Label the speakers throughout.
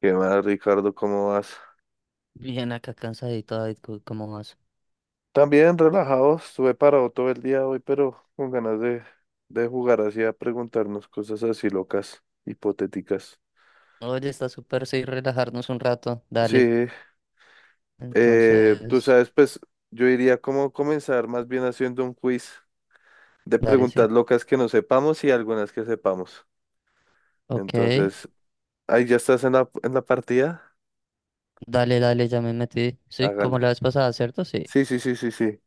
Speaker 1: ¿Qué más, Ricardo? ¿Cómo vas?
Speaker 2: Bien, acá cansadito, David, ¿cómo vas?
Speaker 1: También relajado, estuve parado todo el día hoy, pero con ganas de jugar así, a preguntarnos cosas así locas, hipotéticas.
Speaker 2: Oye, está súper, sí, relajarnos un rato,
Speaker 1: Sí,
Speaker 2: dale.
Speaker 1: tú
Speaker 2: Entonces,
Speaker 1: sabes, pues yo iría como comenzar más bien haciendo un quiz de
Speaker 2: dale, sí.
Speaker 1: preguntas locas que no sepamos y algunas que sepamos.
Speaker 2: Ok,
Speaker 1: Entonces, ahí ya estás en la partida.
Speaker 2: dale, dale, ya me metí. Sí, como la
Speaker 1: Hágale.
Speaker 2: vez pasada, ¿cierto? Sí,
Speaker 1: Sí, sí, sí, sí, sí.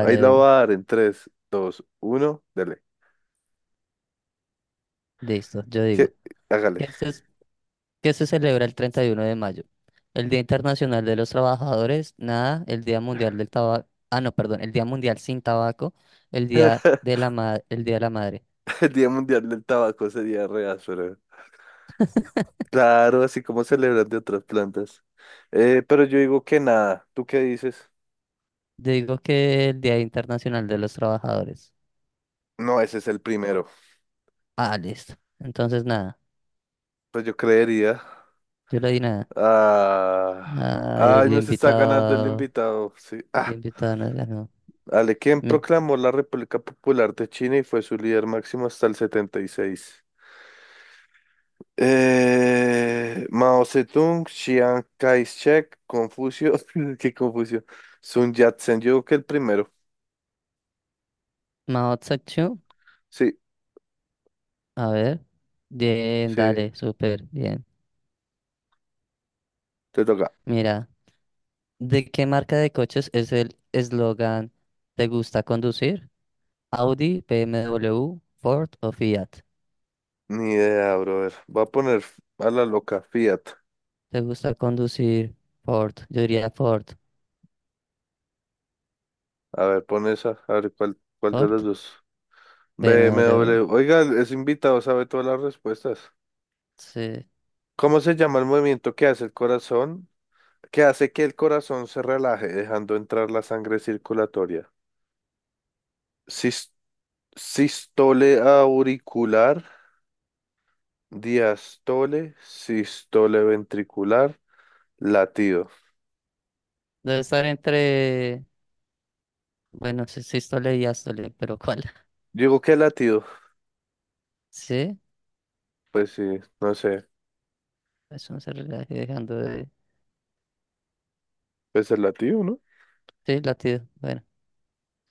Speaker 1: Ahí la
Speaker 2: de
Speaker 1: voy a
Speaker 2: una.
Speaker 1: dar en tres, dos, uno. Dale.
Speaker 2: Listo, yo digo.
Speaker 1: ¿Qué? Hágale.
Speaker 2: ¿Qué se, ¿qué se celebra el 31 de mayo? El Día Internacional de los Trabajadores, nada, el Día Mundial del Tabaco, ah, no, perdón, el Día Mundial sin Tabaco, el Día de el Día de la Madre.
Speaker 1: El Día Mundial del Tabaco sería re áspero. Claro, así como celebran de otras plantas. Pero yo digo que nada. ¿Tú qué dices?
Speaker 2: Digo que el Día Internacional de los Trabajadores.
Speaker 1: No, ese es el primero.
Speaker 2: Ah, listo. Entonces, nada.
Speaker 1: Pues yo creería.
Speaker 2: Yo le di nada.
Speaker 1: Ah,
Speaker 2: A
Speaker 1: ay,
Speaker 2: el
Speaker 1: nos está ganando el
Speaker 2: invitado.
Speaker 1: invitado. Sí.
Speaker 2: El
Speaker 1: Ah,
Speaker 2: invitado no ganó.
Speaker 1: Ale, ¿quién
Speaker 2: Bien.
Speaker 1: proclamó la República Popular de China y fue su líder máximo hasta el 76? Mao Zedong, Chiang Kai-shek, Confucio, qué Confucio, Sun Yat-sen, yo creo que el primero.
Speaker 2: Maotzakchu.
Speaker 1: Sí,
Speaker 2: A ver. Bien,
Speaker 1: sí.
Speaker 2: dale, súper bien.
Speaker 1: Te toca.
Speaker 2: Mira, ¿de qué marca de coches es el eslogan ¿Te gusta conducir? Audi, BMW, Ford o Fiat.
Speaker 1: Ni idea, brother. Voy a poner a la loca Fiat.
Speaker 2: ¿Te gusta conducir? Ford. Yo diría Ford.
Speaker 1: A ver, pon esa. A ver, ¿cuál de los
Speaker 2: Ford,
Speaker 1: dos?
Speaker 2: BMW.
Speaker 1: BMW. Oiga, es invitado, sabe todas las respuestas.
Speaker 2: Sí.
Speaker 1: ¿Cómo se llama el movimiento que hace el corazón? Que hace que el corazón se relaje, dejando entrar la sangre circulatoria. Sis- Sistole auricular, diastole, sistole ventricular, latido.
Speaker 2: Debe estar entre. Bueno, sí, sí, Stole y Astole, pero ¿cuál?
Speaker 1: Digo, ¿qué latido?
Speaker 2: Sí,
Speaker 1: Pues sí, no sé.
Speaker 2: eso no se relaje dejando de.
Speaker 1: Pues el latido, no.
Speaker 2: Sí, latido. Bueno,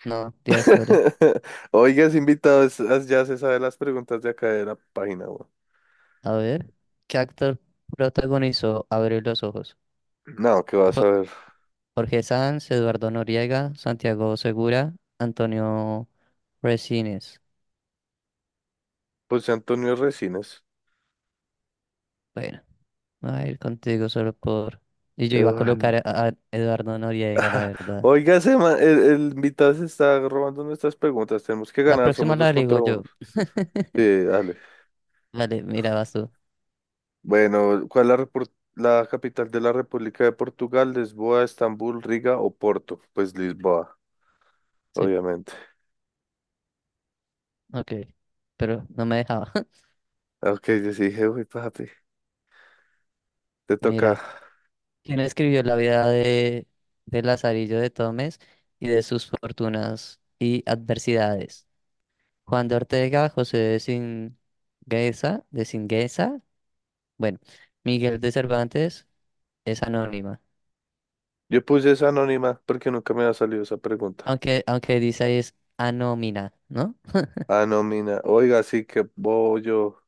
Speaker 2: no, Díaz Lore.
Speaker 1: Oigas, invitados, ya se sabe las preguntas de acá de la página, weón.
Speaker 2: A ver, ¿qué actor protagonizó Abrir los ojos?
Speaker 1: No, ¿qué vas
Speaker 2: Jo-
Speaker 1: a ver?
Speaker 2: Jorge Sanz, Eduardo Noriega, Santiago Segura, Antonio Resines.
Speaker 1: José Antonio Resines.
Speaker 2: Bueno, me voy a ir contigo solo por... Y yo iba a colocar
Speaker 1: Eduardo.
Speaker 2: a, a Eduardo Noriega, la verdad.
Speaker 1: Oiga, el invitado se está robando nuestras preguntas. Tenemos que
Speaker 2: La
Speaker 1: ganar,
Speaker 2: próxima
Speaker 1: somos dos
Speaker 2: la digo
Speaker 1: contra uno.
Speaker 2: yo.
Speaker 1: Sí, dale.
Speaker 2: Vale, mira, vas tú.
Speaker 1: Bueno, ¿cuál es la capital de la República de Portugal? ¿Lisboa, Estambul, Riga o Porto? Pues Lisboa,
Speaker 2: Sí,
Speaker 1: obviamente.
Speaker 2: ok. Pero no me dejaba.
Speaker 1: Ah, ok, yo sí dije, uy, papi, te toca.
Speaker 2: Mira. ¿Quien escribió la vida de Lazarillo de Tomes y de sus fortunas y adversidades? Juan de Ortega, José de Singueza, bueno, Miguel de Cervantes es anónima,
Speaker 1: Yo puse esa anónima porque nunca me ha salido esa pregunta.
Speaker 2: aunque dice ahí es anómina, ¿no?
Speaker 1: Ah, no, mina. Oiga, sí que bollo.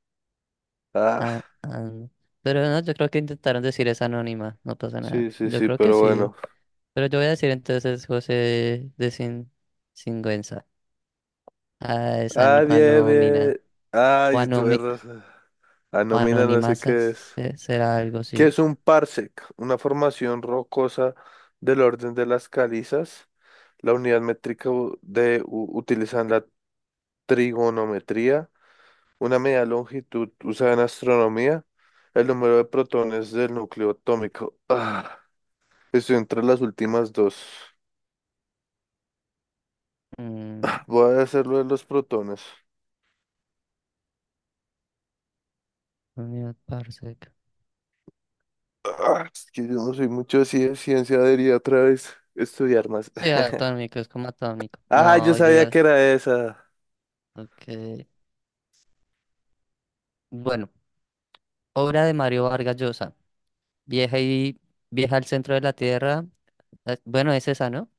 Speaker 1: Ah,
Speaker 2: A- an- pero no, yo creo que intentaron decir es anónima, no pasa nada.
Speaker 1: sí, sí,
Speaker 2: Yo
Speaker 1: sí,
Speaker 2: creo que
Speaker 1: pero
Speaker 2: sí,
Speaker 1: bueno.
Speaker 2: pero yo voy a decir entonces José de Sin, Singuenza. Ah, es
Speaker 1: Ah, bien,
Speaker 2: anómina.
Speaker 1: bien.
Speaker 2: O
Speaker 1: Ay, tuve razón. Ah, no, mina, no sé qué
Speaker 2: Anonimasas,
Speaker 1: es.
Speaker 2: será algo
Speaker 1: ¿Qué
Speaker 2: así.
Speaker 1: es un parsec? Una formación rocosa del orden de las calizas. La unidad métrica de utilizan la trigonometría. Una medida de longitud usada en astronomía. El número de protones del núcleo atómico. Ah, estoy entre las últimas dos.
Speaker 2: Mm,
Speaker 1: Voy a hacerlo de los protones.
Speaker 2: unidad parsec.
Speaker 1: Ah, es que yo no soy mucho así de ciencia, debería otra vez estudiar más.
Speaker 2: Sí, atómico, es como atómico.
Speaker 1: Ah, yo
Speaker 2: No,
Speaker 1: sabía que
Speaker 2: llega.
Speaker 1: era esa.
Speaker 2: Ok. Bueno, obra de Mario Vargas Llosa. Vieja y vieja al centro de la tierra. Bueno, es esa, ¿no?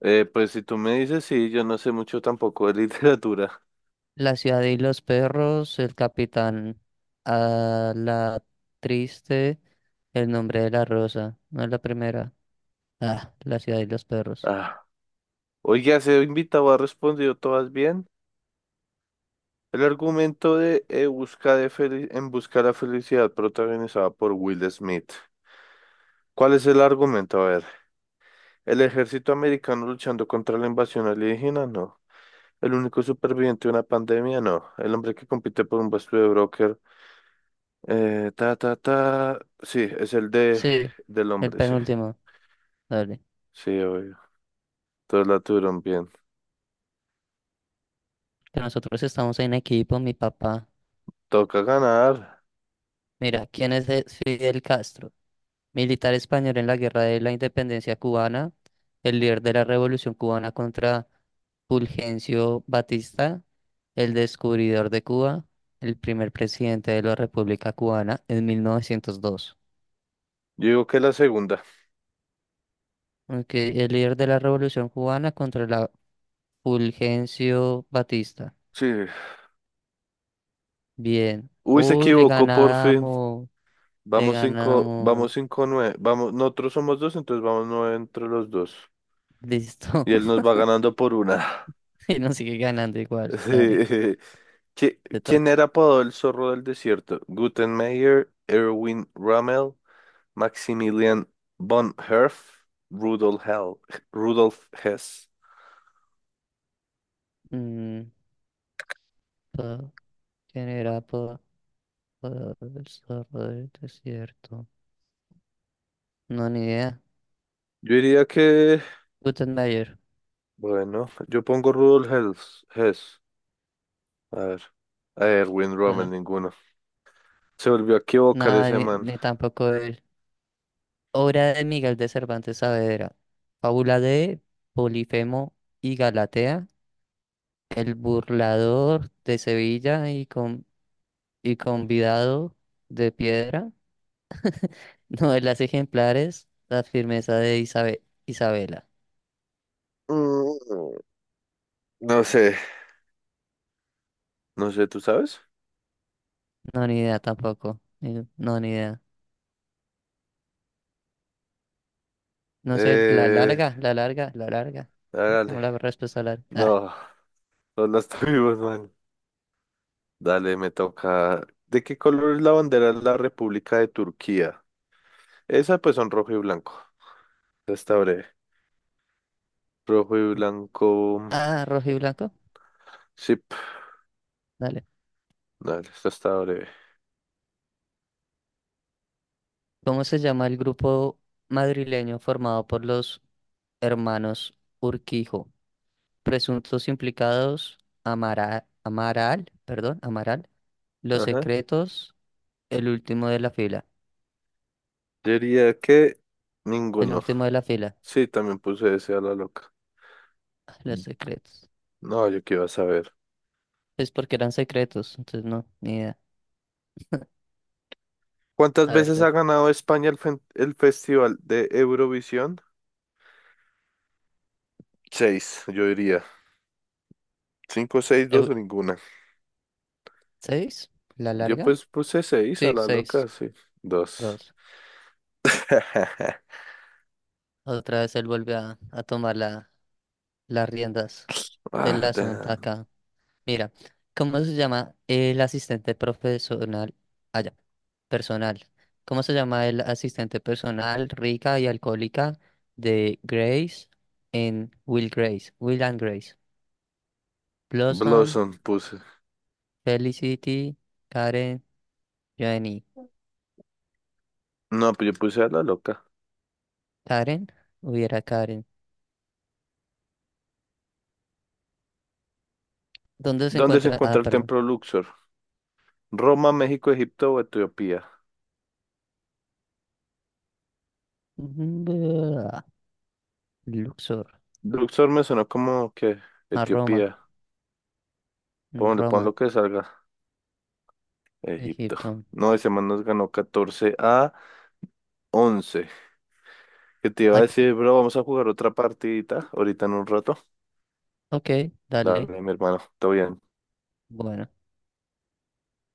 Speaker 1: Pues si tú me dices, sí, yo no sé mucho tampoco de literatura.
Speaker 2: La ciudad y los perros, el capitán, a la triste, el nombre de la rosa. No es la primera. Ah, la ciudad y los perros.
Speaker 1: Ah, oye, ese invitado ha respondido todas bien. El argumento de En busca de la felicidad, protagonizada por Will Smith. ¿Cuál es el argumento? A ver, ¿el ejército americano luchando contra la invasión alienígena? No. ¿El único superviviente de una pandemia? No. ¿El hombre que compite por un puesto de broker? Ta, ta, ta. Sí, es el de
Speaker 2: Sí,
Speaker 1: del
Speaker 2: el
Speaker 1: hombre, sí.
Speaker 2: penúltimo. Dale.
Speaker 1: Sí, obvio. Todos la tuvieron bien.
Speaker 2: Que nosotros estamos en equipo, mi papá.
Speaker 1: Toca ganar.
Speaker 2: Mira, ¿Fidel Castro? Militar español en la Guerra de la Independencia cubana, el líder de la Revolución cubana contra Fulgencio Batista, el descubridor de Cuba, el primer presidente de la República Cubana en 1902.
Speaker 1: Yo digo que la segunda.
Speaker 2: Ok, el líder de la Revolución cubana contra la Fulgencio Batista.
Speaker 1: Sí.
Speaker 2: Bien.
Speaker 1: Uy, se
Speaker 2: Uy, le
Speaker 1: equivocó por fin.
Speaker 2: ganamos. Le
Speaker 1: Vamos cinco,
Speaker 2: ganamos.
Speaker 1: vamos cinco, nueve. Vamos, nosotros somos dos, entonces vamos nueve entre los dos.
Speaker 2: Listo.
Speaker 1: Y él nos va ganando por una.
Speaker 2: Y nos sigue ganando igual. Dale,
Speaker 1: Sí.
Speaker 2: te
Speaker 1: ¿Quién era
Speaker 2: toca.
Speaker 1: apodado el zorro del desierto? Gutenmeier, Erwin Rommel, Maximilian von Herf, Rudolf Hell, Rudolf Hess.
Speaker 2: Mm, pa- ¿Quién era el zorro del desierto? No, ni idea.
Speaker 1: Yo diría que,
Speaker 2: Gutenberg.
Speaker 1: bueno, yo pongo Rudolf Hess. Hess. A ver, a Erwin Rommel,
Speaker 2: eh,
Speaker 1: ninguno. Se volvió a equivocar
Speaker 2: Nada,
Speaker 1: ese man.
Speaker 2: ni tampoco él. Obra de Miguel de Cervantes Saavedra. Fábula de Polifemo y Galatea. El burlador de Sevilla y convidado de piedra. Novelas ejemplares. La firmeza de Isabela.
Speaker 1: Mm, No sé, no sé, ¿tú sabes?
Speaker 2: No, ni idea tampoco. No, ni idea. No sé,
Speaker 1: Eh,
Speaker 2: la larga. ¿Por qué no
Speaker 1: Dale.
Speaker 2: la respuesta larga? Ah,
Speaker 1: No, no las tuvimos, man. Dale, me toca. ¿De qué color es la bandera de la República de Turquía? Esa pues son rojo y blanco. Esta está breve. Rojo y blanco.
Speaker 2: ah, rojo y blanco.
Speaker 1: Sí,
Speaker 2: Dale.
Speaker 1: dale, esta está breve.
Speaker 2: ¿Cómo se llama el grupo madrileño formado por los hermanos Urquijo? Presuntos implicados, Amaral, perdón, Amaral. Los
Speaker 1: Ajá.
Speaker 2: secretos, el último de la fila.
Speaker 1: Yo diría que
Speaker 2: El
Speaker 1: ninguno.
Speaker 2: último de la fila.
Speaker 1: Sí, también puse ese a la loca.
Speaker 2: Ah, Los secretos.
Speaker 1: No, yo qué iba a saber.
Speaker 2: Es porque eran secretos, entonces no, ni idea.
Speaker 1: ¿Cuántas
Speaker 2: A ver,
Speaker 1: veces
Speaker 2: Ted.
Speaker 1: ha ganado España el Festival de Eurovisión? Seis, yo diría. Cinco, seis, dos o
Speaker 2: Euro.
Speaker 1: ninguna.
Speaker 2: ¿Seis? ¿La
Speaker 1: Yo
Speaker 2: larga?
Speaker 1: pues puse seis a
Speaker 2: Sí,
Speaker 1: la loca,
Speaker 2: seis.
Speaker 1: sí. Dos.
Speaker 2: Dos. Otra vez él vuelve a tomar las riendas del
Speaker 1: Ah,
Speaker 2: asunto
Speaker 1: damn.
Speaker 2: acá. Mira, ¿cómo se llama el asistente profesional? Allá, personal. ¿Cómo se llama el asistente personal rica y alcohólica de Grace en Will Grace? Will and Grace. Blossom,
Speaker 1: Blossom puse.
Speaker 2: Felicity, Karen, Joanny.
Speaker 1: No, pues yo puse a la loca.
Speaker 2: ¿Karen? Hubiera Karen. ¿Dónde se
Speaker 1: ¿Dónde se
Speaker 2: encuentra?
Speaker 1: encuentra
Speaker 2: Ah,
Speaker 1: el
Speaker 2: perdón.
Speaker 1: templo Luxor? ¿Roma, México, Egipto o Etiopía?
Speaker 2: Luxor.
Speaker 1: Luxor me sonó como que
Speaker 2: A Roma.
Speaker 1: Etiopía. Pon
Speaker 2: Roma.
Speaker 1: lo que salga. Egipto.
Speaker 2: Egipto.
Speaker 1: No, ese man nos ganó 14-11. ¿Qué te iba a
Speaker 2: Ac-
Speaker 1: decir, bro? Vamos a jugar otra partidita ahorita en un rato.
Speaker 2: Ok, dale.
Speaker 1: Dale, mi hermano. Todo bien.
Speaker 2: Bueno.